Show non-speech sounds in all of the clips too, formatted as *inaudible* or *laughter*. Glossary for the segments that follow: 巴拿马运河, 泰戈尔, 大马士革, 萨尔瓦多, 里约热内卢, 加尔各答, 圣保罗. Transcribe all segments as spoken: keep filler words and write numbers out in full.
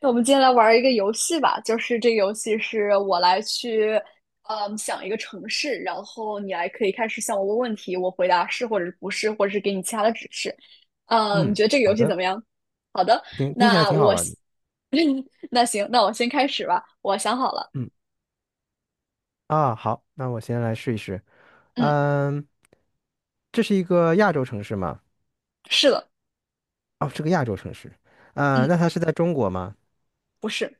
那我们今天来玩一个游戏吧，就是这个游戏是我来去，嗯，想一个城市，然后你来可以开始向我问问题，我回答是或者是不是，或者是给你其他的指示。呃，你嗯，觉得这个好游戏怎的，么样？好的，听听起来那挺好我玩先，的。*laughs* 那行，那我先开始吧。我想好了，嗯啊，好，那我先来试一试。嗯，嗯，这是一个亚洲城市吗？是的，哦，是个亚洲城市。嗯，嗯，那它是在中国吗？不是，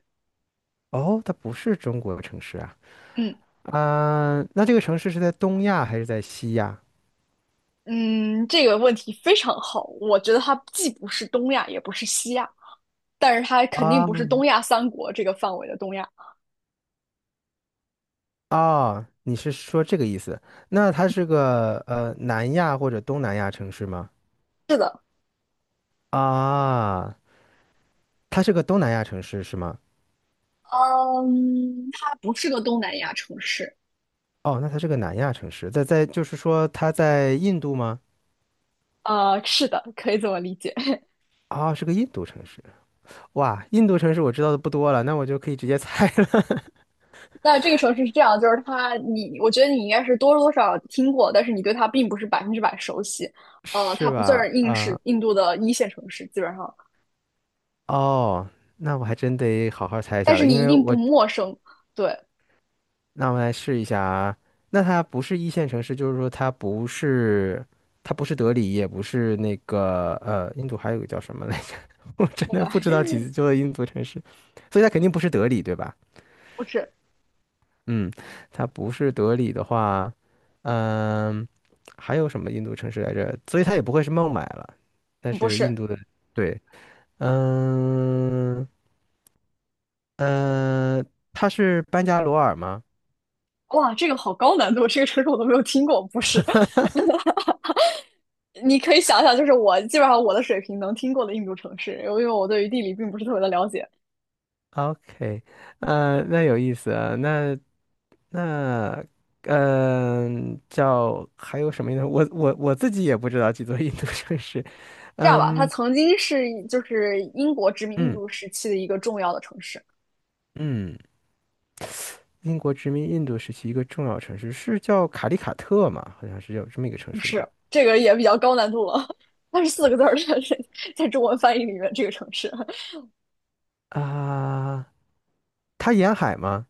哦，它不是中国城市啊。嗯嗯，那这个城市是在东亚还是在西亚？嗯，这个问题非常好，我觉得它既不是东亚，也不是西亚，但是它肯定啊不是东亚三国这个范围的东亚。哦，你是说这个意思？那它是个呃南亚或者东南亚城市吗？是的。啊，它是个东南亚城市是吗？嗯，它不是个东南亚城市。哦，那它是个南亚城市，在在就是说它在印度吗？啊，是的，可以这么理解。*laughs* 啊、是个印度城市。哇，印度城市我知道的不多了，那我就可以直接猜了。那这个城市是这样，就是它，你，我觉得你应该是多多少少听过，但是你对它并不是百分之百熟悉。*laughs* 呃，它是不算吧？是印是啊、印度的一线城市，基本上，哦，那我还真得好好猜一但下是了，因你一为定不我陌生。对，那我来试一下啊。那它不是一线城市，就是说它不是它不是德里，也不是那个呃，印度还有个叫什么来着？*laughs* 我真不的不买 *laughs* 知道几座印度城市，所以它肯定不是德里，对吧？不是，嗯，它不是德里的话。嗯，还有什么印度城市来着？所以它也不会是孟买了，但不是印是。度的，对。嗯呃，它是班加罗尔吗哇，这个好高难度，这个城市我都没有听过。不是，*laughs* 你可以想想，就是我基本上我的水平能听过的印度城市，因为我对于地理并不是特别的了解。？OK，呃，那有意思啊，那那。嗯，叫还有什么印度？我我我自己也不知道几座印度城市。这样吧，它曾经是就是英国殖民印嗯度时期的一个重要的城市，嗯，英国殖民印度时期一个重要城市是叫卡利卡特嘛？好像是有这么一个城不市吧。是，这个也比较高难度了。*laughs* 它是四个字儿的，*laughs* 在中文翻译里面，这个城市。啊，它沿海吗？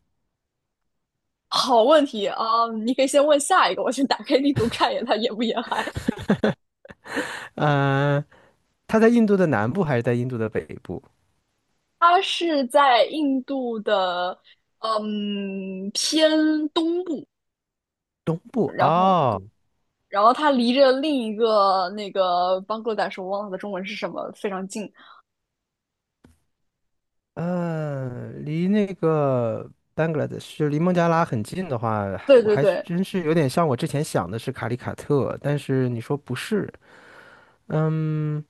好问题啊嗯你可以先问下一个，我先打开地图看一眼它沿不沿海。嗯，它在印度的南部还是在印度的北部、它是在印度的嗯偏东部，东部？哦，然后它离着另一个那个邦格达什，我忘了它的中文是什么，非常近。嗯，离那个 Bangladesh 就离孟加拉很近的话，对我对还是对，真是有点像我之前想的是卡里卡特，但是你说不是。嗯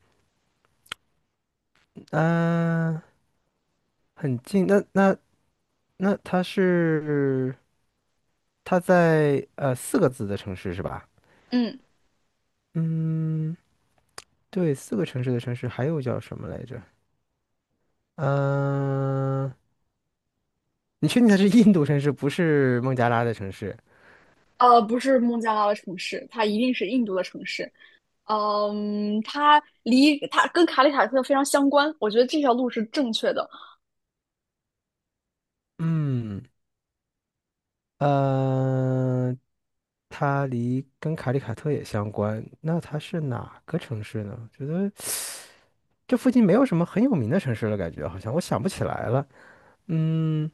嗯、呃很近。那那那它是它在呃四个字的城市是吧？嗯。嗯，对，四个城市的城市还有叫什么来着？嗯、你确定它是印度城市，不是孟加拉的城市？呃，不是孟加拉的城市，它一定是印度的城市。嗯，它离它跟卡里塔特非常相关，我觉得这条路是正确的。嗯，呃，它离跟卡里卡特也相关，那它是哪个城市呢？觉得这附近没有什么很有名的城市了，感觉好像我想不起来了。嗯，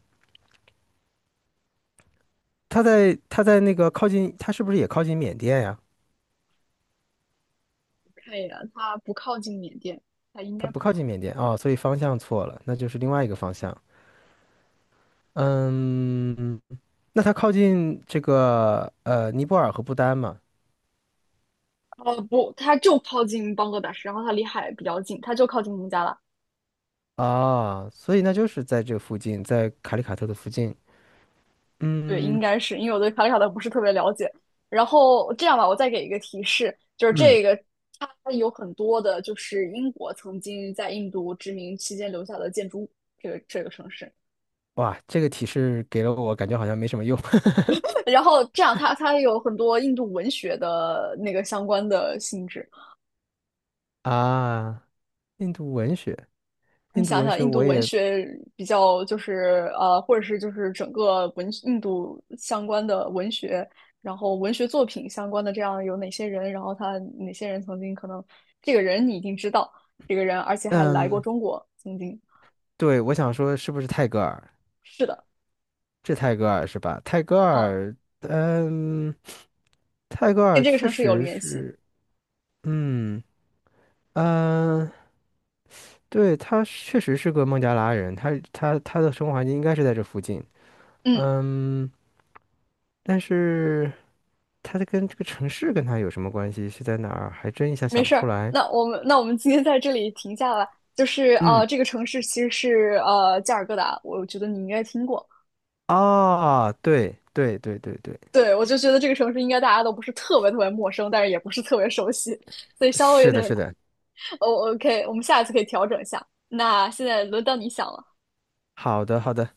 它在它在那个靠近，它是不是也靠近缅甸呀？看一眼，它不靠近缅甸，它应它该不不靠靠近近。缅甸哦，所以方向错了，那就是另外一个方向。嗯，那它靠近这个呃尼泊尔和不丹嘛？呃，不，它就靠近邦格达什，然后它离海比较近，它就靠近孟加拉。啊，所以那就是在这附近，在卡里卡特的附近。对，应嗯该是因为我对卡里塔特不是特别了解。然后这样吧，我再给一个提示，就是嗯，这个它有很多的，就是英国曾经在印度殖民期间留下的建筑物，这个这个城市。哇，这个提示给了我，感觉好像没什么用。 然后这样它它有很多印度文学的那个相关的性质。*laughs* 啊。印度文学，你印度想文想，学印度我文也。学比较就是呃，或者是就是整个文印度相关的文学，然后文学作品相关的这样有哪些人，然后他哪些人曾经可能这个人你一定知道，这个人而且还来过嗯，中国，曾经对，我想说是不是泰戈尔？是的，这泰戈尔是吧？泰戈嗯，尔。嗯，泰戈尔跟这个确城市有实联系，是。嗯嗯，呃对，他确实是个孟加拉人，他他他的生活环境应该是在这附近。嗯。嗯，但是。它的跟这个城市跟它有什么关系？是在哪儿？还真一下没想不事出儿，来。那我们那我们今天在这里停下吧。就是嗯，呃，这个城市其实是呃加尔各答，我觉得你应该听过。啊，对对对对对，对，我就觉得这个城市应该大家都不是特别特别陌生，但是也不是特别熟悉，所以稍微有是的，点。是的。哦，OK,我们下一次可以调整一下。那现在轮到你想了，好的，好的。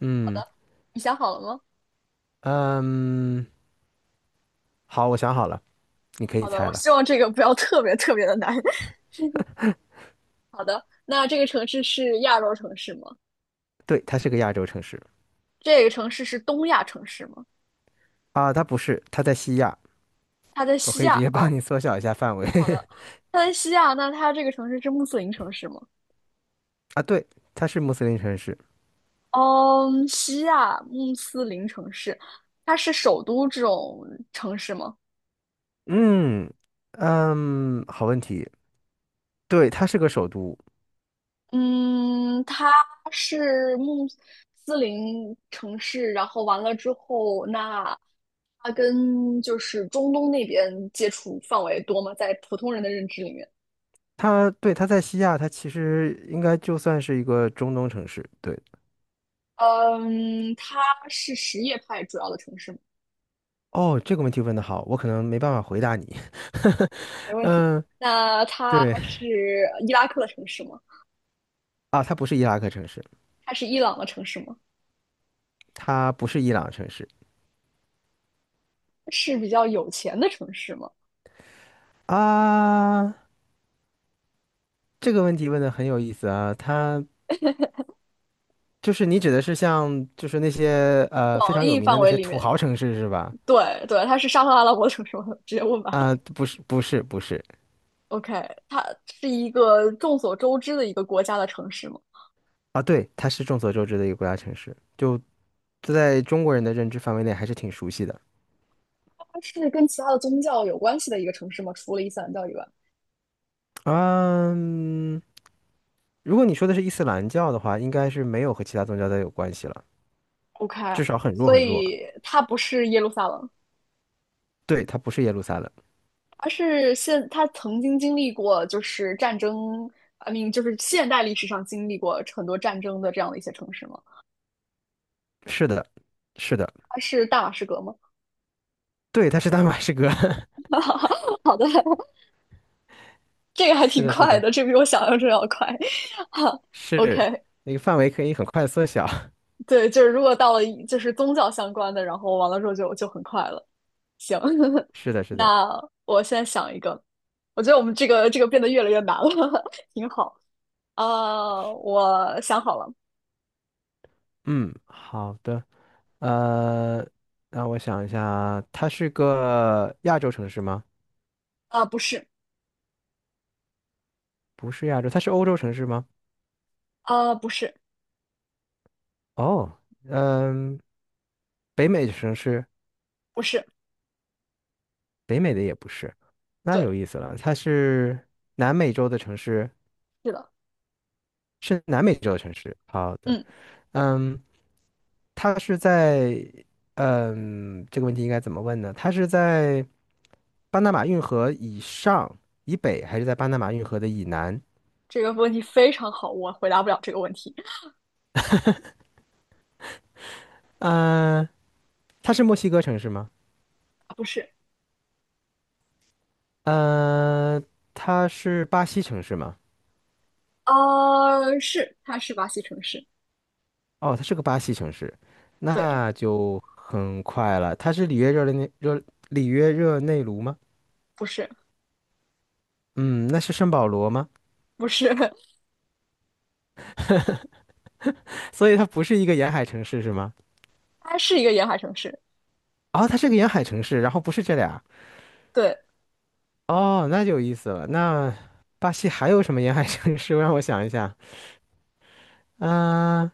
嗯你想好了吗？嗯，好，我想好了，你可以好的，猜我了。希望这个不要特别特别的难。*laughs* 好的，那这个城市是亚洲城市吗？对，它是个亚洲城市。这个城市是东亚城市吗？啊，它不是，它在西亚。它在我西可以直亚接帮哦，你缩小一下范围。 好的，它在西亚，那它这个城市是穆斯林城市吗？*laughs* 啊，对，它是穆斯林城市。嗯，西亚穆斯林城市，它是首都这种城市吗？嗯嗯，好问题。对，它是个首都。嗯，它是穆斯林城市，然后完了之后，那它跟就是中东那边接触范围多吗？在普通人的认知里面，它对，它在西亚，它其实应该就算是一个中东城市。对。嗯，它是什叶派主要的城市吗哦，这个问题问得好，我可能没办法回答你。*laughs* 没问题。嗯，那它对是伊拉克的城市吗？啊，它不是伊拉克城市，它是伊朗的城市吗？它不是伊朗城市是比较有钱的城市吗？啊。这个问题问的很有意思啊，它就是你指的是像就是那些呃非广常义范围里土面，豪城市是吧？对对，它是沙特阿拉伯城市吗？*laughs* 直接问吧。啊，不是不是不是。 OK,它是一个众所周知的一个国家的城市吗？啊，对，它是众所周知的一个国家城市，就在中国人的认知范围内还是挺熟悉的。它是跟其他的宗教有关系的一个城市吗？除了伊斯兰教以外嗯，如果你说的是伊斯兰教的话，应该是没有和其他宗教的有关系了，，OK,至少很弱所很弱。以它不是耶路撒冷，对，它不是耶路撒冷。而是现它曾经经历过就是战争啊，你就是现代历史上经历过很多战争的这样的一些城市吗？是的，是的，它是大马士革吗？对，它是大马士革。*laughs* *laughs* 好的，这个还是挺的，是快的，的，这比我想象中要快。哈是，OK,那个范围可以很快缩小。对，就是如果到了就是宗教相关的，然后完了之后就就很快了。行，*laughs* *laughs* 是的，是的。那我现在想一个，我觉得我们这个这个变得越来越难了，*laughs* 挺好。啊，我想好了，嗯，好的，呃，让我想一下，它是个亚洲城市吗？啊，不是，不是亚洲，它是欧洲城市吗？啊，不是，哦，嗯，北美城市？不是，北美的也不是，那对，有意思了。它是南美洲的城市，是的，是南美洲的城市。好的。嗯，嗯，他是在，嗯，这个问题应该怎么问呢？他是在巴拿马运河以上、以北，还是在巴拿马运河的以南？这个问题非常好，我回答不了这个问题，嗯、它是墨西哥城市吗？不是，嗯、它是巴西城市吗？啊，是，它是巴西城市，哦，它是个巴西城市，对，那就很快了。它是里约热内热里约热内卢吗？不是，嗯，那是圣保罗吗？不是。*laughs* *laughs* 所以它不是一个沿海城市是吗？它是一个沿海城市，哦，它是个沿海城市，然后不是这俩。对，哦，那就有意思了。那巴西还有什么沿海城市？*laughs* 让我想一下。啊、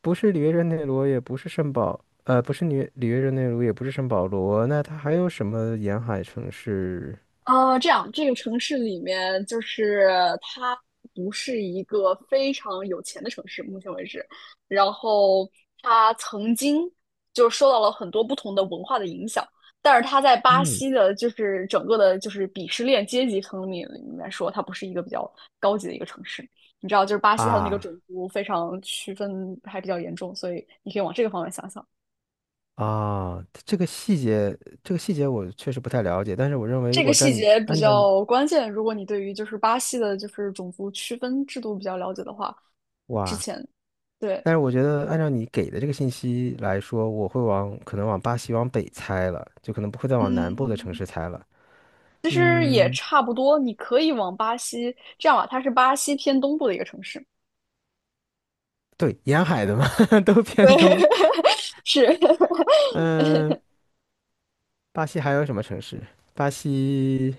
不是里约热内卢，也不是圣保，呃，不是里约里约热内卢，也不是圣保罗。那它还有什么沿海城市？呃，这样这个城市里面就是它不是一个非常有钱的城市，目前为止，然后它曾经就受到了很多不同的文化的影响，但是它在巴嗯，西的，就是整个的，就是鄙视链阶级层面里面说，它不是一个比较高级的一个城市。你知道，就是巴西它的那个啊种族非常区分还比较严重，所以你可以往这个方面想想。啊，这个细节，这个细节我确实不太了解。但是我认为，如这个果细按你节比按照你。较关键。如果你对于就是巴西的，就是种族区分制度比较了解的话，之哇，前对，但是我觉得按照你给的这个信息来说，我会往可能往巴西往北猜了，就可能不会再往南部的城嗯，市猜了。其实也嗯。差不多。你可以往巴西这样吧，它是巴西偏东部的一个城市。对，沿海的嘛。*laughs* 都偏东。对，*laughs* 是 嗯，巴西还有什么城市？巴西。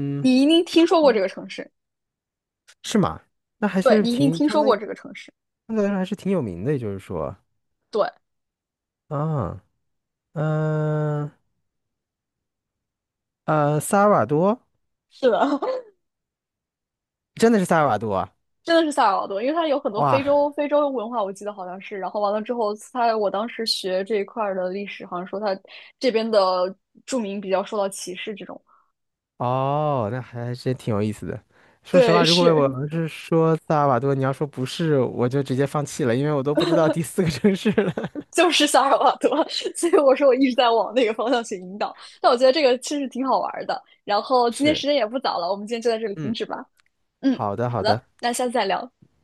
*laughs* 你一定听说过这个城市，是吗？那还对是你一定挺听相说当过于这个城市。相对来说还是挺有名的，也就是说。对，啊。嗯，呃，萨尔瓦多，是的，真的是萨尔瓦多啊！真的是萨尔瓦多，因为它有很多非哇。洲非洲文化，我记得好像是。然后完了之后，它我当时学这一块儿的历史，好像说它这边的住民比较受到歧视这种。哦，那还真挺有意思的。说实对，话，如果我是要是说萨尔瓦多，你要说不是，我就直接放弃了，因为我都不知道第四个城市了。*laughs* 就是萨尔瓦多，*laughs* 所以我说我一直在往那个方向去引导。但我觉得这个其实挺好玩儿的。然后今天时是，间也不早了，我们今天就在这里停嗯，止吧。嗯，好的，好好的。的，那下次再聊。